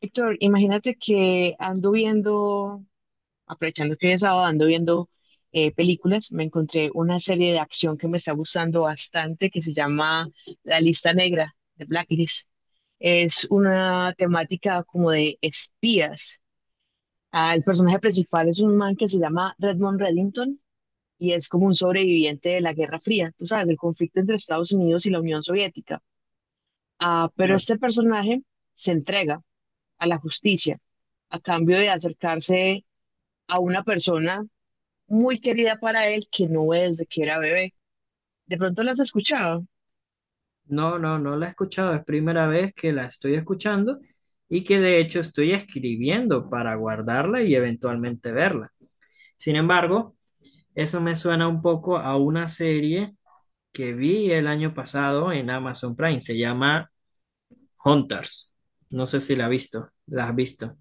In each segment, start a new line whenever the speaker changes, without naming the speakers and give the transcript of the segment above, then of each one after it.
Héctor, imagínate que ando viendo, aprovechando que es sábado, ando viendo películas. Me encontré una serie de acción que me está gustando bastante que se llama La Lista Negra, de Blacklist. Es una temática como de espías. Ah, el personaje principal es un man que se llama Redmond Reddington y es como un sobreviviente de la Guerra Fría, tú sabes, del conflicto entre Estados Unidos y la Unión Soviética. Ah, pero
Claro.
este personaje se entrega a la justicia, a cambio de acercarse a una persona muy querida para él que no es desde que era bebé. ¿De pronto las has escuchado?
No, no la he escuchado, es primera vez que la estoy escuchando y que de hecho estoy escribiendo para guardarla y eventualmente verla. Sin embargo, eso me suena un poco a una serie que vi el año pasado en Amazon Prime, se llama Hunters. No sé si la has visto, la has visto.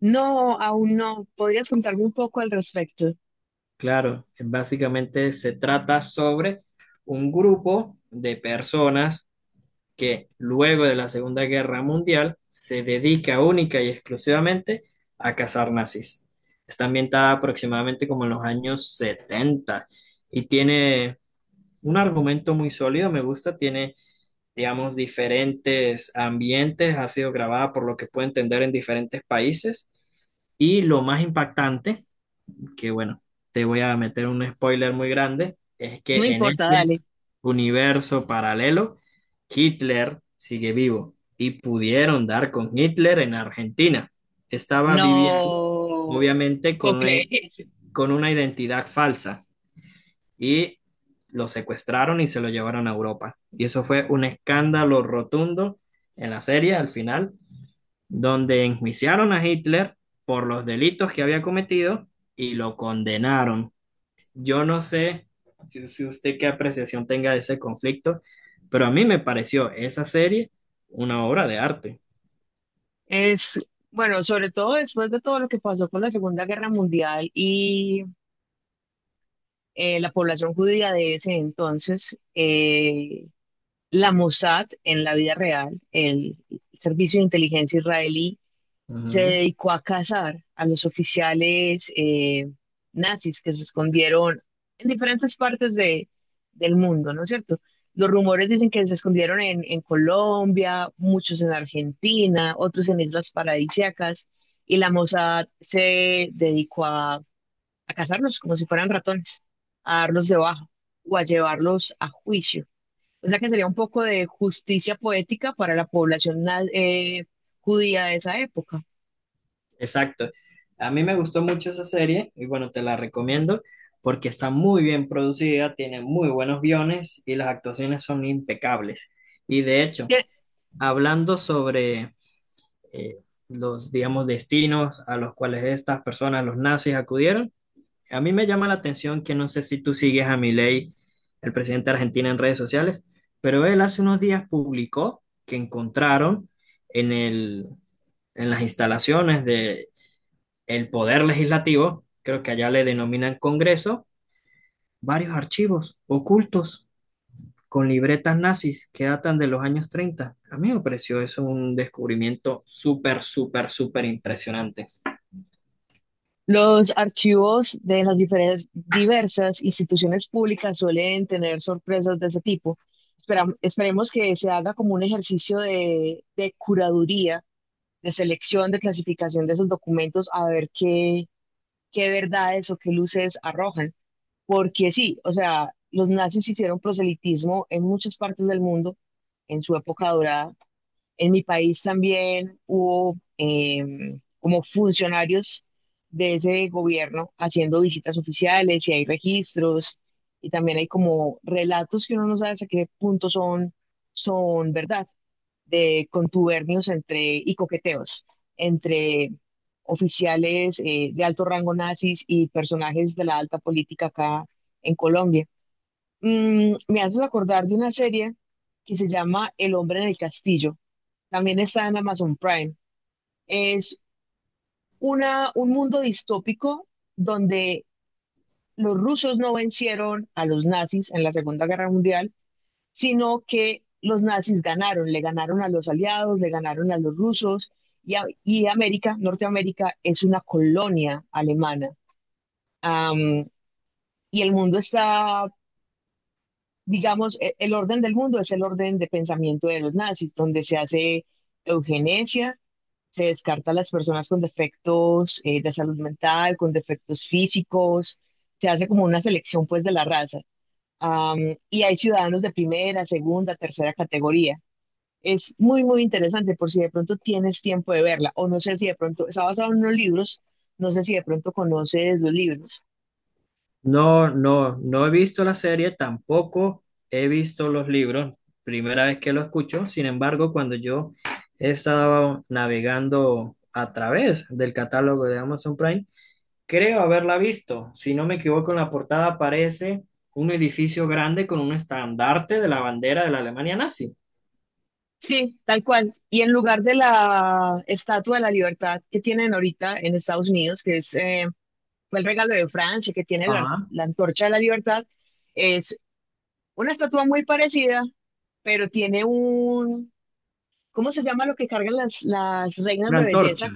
No, aún no. ¿Podrías contarme un poco al respecto?
Claro, básicamente se trata sobre un grupo de personas que luego de la Segunda Guerra Mundial se dedica única y exclusivamente a cazar nazis. Está ambientada aproximadamente como en los años 70 y tiene un argumento muy sólido, me gusta, tiene, digamos, diferentes ambientes, ha sido grabada por lo que puedo entender en diferentes países, y lo más impactante, que bueno, te voy a meter un spoiler muy grande, es
No
que en
importa,
ese
dale.
universo paralelo, Hitler sigue vivo y pudieron dar con Hitler en Argentina. Estaba viviendo,
No, no
obviamente,
puedo creer.
con una identidad falsa y lo secuestraron y se lo llevaron a Europa. Y eso fue un escándalo rotundo en la serie al final, donde enjuiciaron a Hitler por los delitos que había cometido y lo condenaron. Yo no sé si usted qué apreciación tenga de ese conflicto, pero a mí me pareció esa serie una obra de arte.
Es, bueno, sobre todo después de todo lo que pasó con la Segunda Guerra Mundial y la población judía de ese entonces, la Mossad en la vida real, el Servicio de Inteligencia Israelí, se
Ujú.
dedicó a cazar a los oficiales nazis que se escondieron en diferentes partes del mundo, ¿no es cierto? Los rumores dicen que se escondieron en Colombia, muchos en Argentina, otros en islas paradisíacas, y la Mossad se dedicó a cazarlos como si fueran ratones, a darlos de baja o a llevarlos a juicio. O sea que sería un poco de justicia poética para la población judía de esa época.
Exacto. A mí me gustó mucho esa serie y bueno, te la recomiendo porque está muy bien producida, tiene muy buenos guiones y las actuaciones son impecables. Y de hecho,
Tie-
hablando sobre eh, los, digamos, destinos a los cuales estas personas, los nazis, acudieron, a mí me llama la atención, que no sé si tú sigues a Milei, el presidente de Argentina, en redes sociales, pero él hace unos días publicó que encontraron en el, en las instalaciones del Poder Legislativo, creo que allá le denominan Congreso, varios archivos ocultos con libretas nazis que datan de los años 30. A mí me pareció eso un descubrimiento súper, súper, súper impresionante.
Los archivos de las diferentes, diversas instituciones públicas suelen tener sorpresas de ese tipo. Esperemos que se haga como un ejercicio de curaduría, de selección, de clasificación de esos documentos, a ver qué, qué verdades o qué luces arrojan. Porque sí, o sea, los nazis hicieron proselitismo en muchas partes del mundo en su época dorada en mi país también hubo como funcionarios de ese gobierno haciendo visitas oficiales y hay registros y también hay como relatos que uno no sabe hasta qué punto son, son verdad, de contubernios entre, y coqueteos entre oficiales de alto rango nazis y personajes de la alta política acá en Colombia. Me haces acordar de una serie que se llama El hombre en el castillo. También está en Amazon Prime. Es una, un mundo distópico donde los rusos no vencieron a los nazis en la Segunda Guerra Mundial, sino que los nazis ganaron, le ganaron a los aliados, le ganaron a los rusos y, y América, Norteamérica, es una colonia alemana. Am, y el mundo está, digamos, el orden del mundo es el orden de pensamiento de los nazis, donde se hace eugenesia. Se descarta a las personas con defectos de salud mental, con defectos físicos, se hace como una selección pues de la raza. Am, y hay ciudadanos de primera, segunda, tercera categoría. Es muy, muy interesante por si de pronto tienes tiempo de verla o no sé si de pronto, está basado en unos libros, no sé si de pronto conoces los libros.
No, no he visto la serie, tampoco he visto los libros, primera vez que lo escucho. Sin embargo, cuando yo estaba navegando a través del catálogo de Amazon Prime, creo haberla visto. Si no me equivoco, en la portada aparece un edificio grande con un estandarte de la bandera de la Alemania nazi.
Sí, tal cual. Y en lugar de la Estatua de la Libertad que tienen ahorita en Estados Unidos, que es, fue el regalo de Francia, que tiene la,
Ajá.
la Antorcha de la Libertad, es una estatua muy parecida, pero tiene un, ¿cómo se llama lo que cargan las reinas
Una
de
antorcha.
belleza?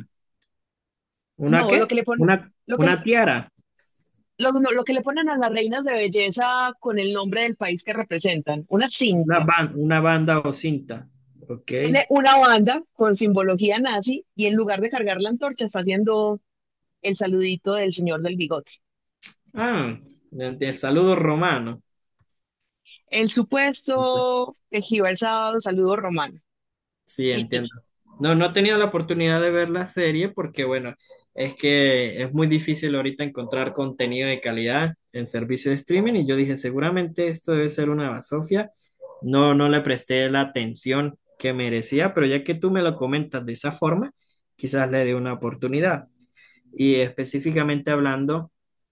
¿Una
No, lo
qué?
que le ponen, lo que,
Una tiara,
no, lo que le ponen a las reinas de belleza con el nombre del país que representan, una
una,
cinta.
una banda o cinta. Ok.
Tiene una banda con simbología nazi y en lugar de cargar la antorcha está haciendo el saludito del señor del bigote.
Ah, el saludo romano.
El supuesto tejido el sábado, saludo romano.
Sí, entiendo. No, he tenido la oportunidad de ver la serie porque, bueno, es que es muy difícil ahorita encontrar contenido de calidad en servicio de streaming, y yo dije, seguramente esto debe ser una basofia. No, no le presté la atención que merecía, pero ya que tú me lo comentas de esa forma, quizás le dé una oportunidad. Y específicamente hablando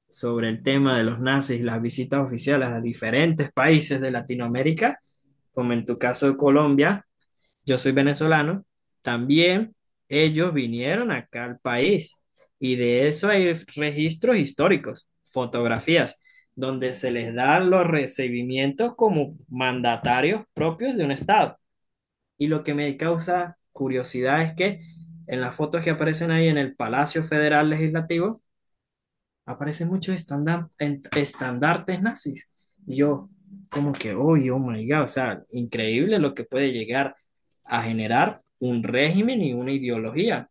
sobre el tema de los nazis y las visitas oficiales a diferentes países de Latinoamérica, como en tu caso de Colombia. Yo soy venezolano, también ellos vinieron acá al país, y de eso hay registros históricos, fotografías, donde se les dan los recibimientos como mandatarios propios de un estado. Y lo que me causa curiosidad es que en las fotos que aparecen ahí en el Palacio Federal Legislativo, aparecen muchos estandartes nazis. Y yo, como que, oye, oh my God, o sea, increíble lo que puede llegar a generar un régimen y una ideología.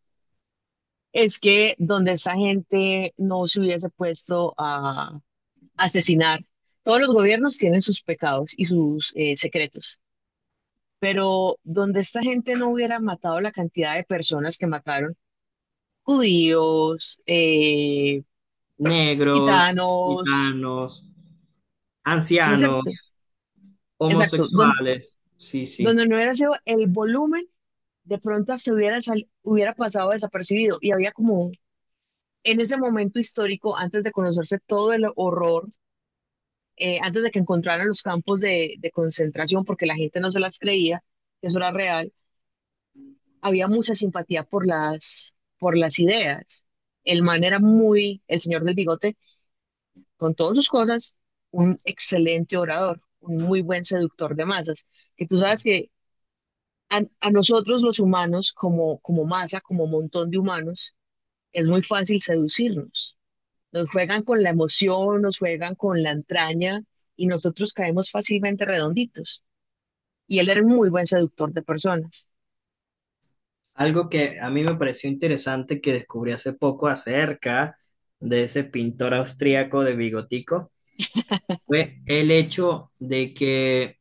Es que donde esa gente no se hubiese puesto a asesinar. Todos los gobiernos tienen sus pecados y sus secretos, pero donde esta gente no hubiera matado la cantidad de personas que mataron, judíos,
Negros,
gitanos,
gitanos,
¿no es cierto?
ancianos,
Exacto,
homosexuales. Sí, sí.
donde no hubiera sido el volumen, de pronto hasta hubiera, hubiera pasado desapercibido y había como un- en ese momento histórico, antes de conocerse todo el horror, antes de que encontraran los campos de concentración, porque la gente no se las creía, que eso era real había mucha simpatía por las ideas. El man era muy, el señor del bigote, con todas sus cosas, un excelente orador, un muy buen seductor de masas. Que tú sabes que a nosotros los humanos, como, como masa, como montón de humanos, es muy fácil seducirnos. Nos juegan con la emoción, nos juegan con la entraña y nosotros caemos fácilmente redonditos. Y él era un muy buen seductor de personas.
Algo que a mí me pareció interesante, que descubrí hace poco acerca de ese pintor austríaco de bigotico, fue el hecho de que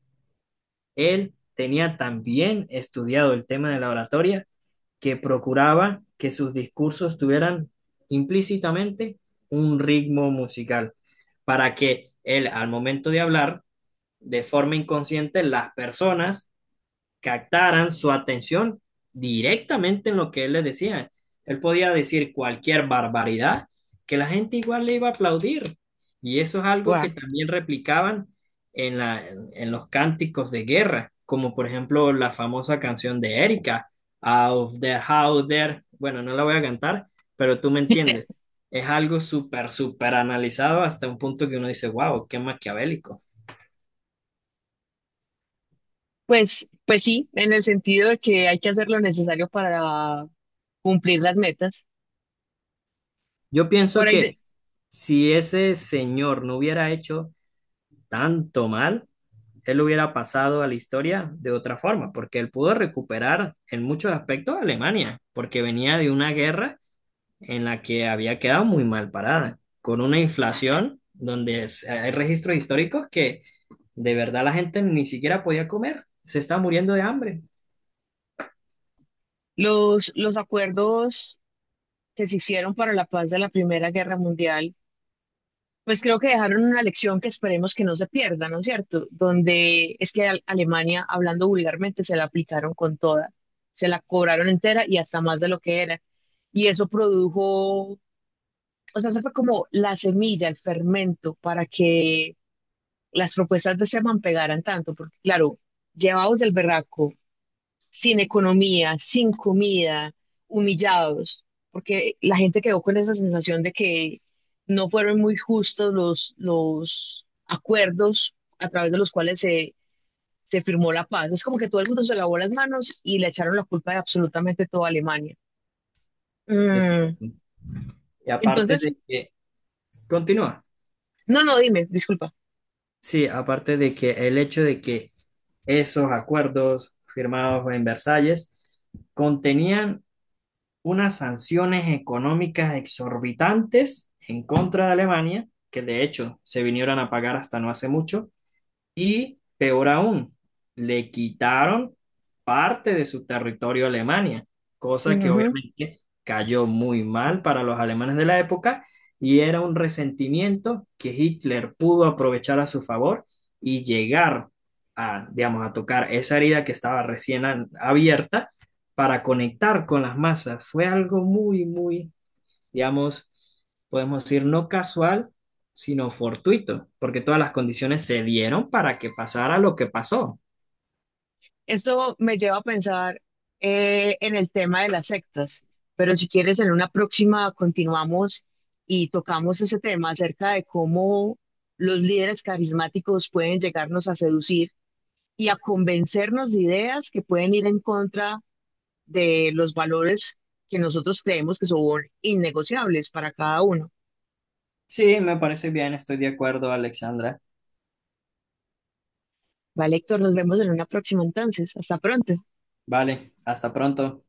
él tenía también estudiado el tema de la oratoria, que procuraba que sus discursos tuvieran implícitamente un ritmo musical para que él, al momento de hablar, de forma inconsciente, las personas captaran su atención directamente en lo que él les decía. Él podía decir cualquier barbaridad que la gente igual le iba a aplaudir. Y eso es algo que también replicaban en la, en los cánticos de guerra, como por ejemplo la famosa canción de Erika, Out there, out there. Bueno, no la voy a cantar, pero tú me entiendes. Es algo súper, súper analizado hasta un punto que uno dice, wow, qué maquiavélico.
Pues, pues sí, en el sentido de que hay que hacer lo necesario para cumplir las metas.
Yo
Por
pienso
ahí de-
que si ese señor no hubiera hecho tanto mal, él hubiera pasado a la historia de otra forma, porque él pudo recuperar en muchos aspectos a Alemania, porque venía de una guerra en la que había quedado muy mal parada, con una inflación, donde hay registros históricos que de verdad la gente ni siquiera podía comer, se está muriendo de hambre.
los acuerdos que se hicieron para la paz de la Primera Guerra Mundial, pues creo que dejaron una lección que esperemos que no se pierda, ¿no es cierto? Donde es que a Alemania, hablando vulgarmente, se la aplicaron con toda, se la cobraron entera y hasta más de lo que era. Y eso produjo, o sea, se fue como la semilla, el fermento para que las propuestas de Esteban pegaran tanto, porque claro, llevados del berraco, sin economía, sin comida, humillados, porque la gente quedó con esa sensación de que no fueron muy justos los acuerdos a través de los cuales se, se firmó la paz. Es como que todo el mundo se lavó las manos y le echaron la culpa de absolutamente toda Alemania. Mm,
Exacto. Y aparte
Entonces,
de que, continúa,
no, no, dime, disculpa.
sí, aparte de que el hecho de que esos acuerdos firmados en Versalles contenían unas sanciones económicas exorbitantes en contra de Alemania, que de hecho se vinieron a pagar hasta no hace mucho, y peor aún, le quitaron parte de su territorio a Alemania, cosa que
Ujú.
obviamente cayó muy mal para los alemanes de la época, y era un resentimiento que Hitler pudo aprovechar a su favor y llegar a, digamos, a tocar esa herida que estaba recién abierta para conectar con las masas. Fue algo muy, muy, digamos, podemos decir, no casual, sino fortuito, porque todas las condiciones se dieron para que pasara lo que pasó.
Esto me lleva a pensar en el tema de las sectas, pero si quieres, en una próxima continuamos y tocamos ese tema acerca de cómo los líderes carismáticos pueden llegarnos a seducir y a convencernos de ideas que pueden ir en contra de los valores que nosotros creemos que son innegociables para cada uno.
Sí, me parece bien, estoy de acuerdo, Alexandra.
Vale, Héctor, nos vemos en una próxima entonces. Hasta pronto.
Vale, hasta pronto.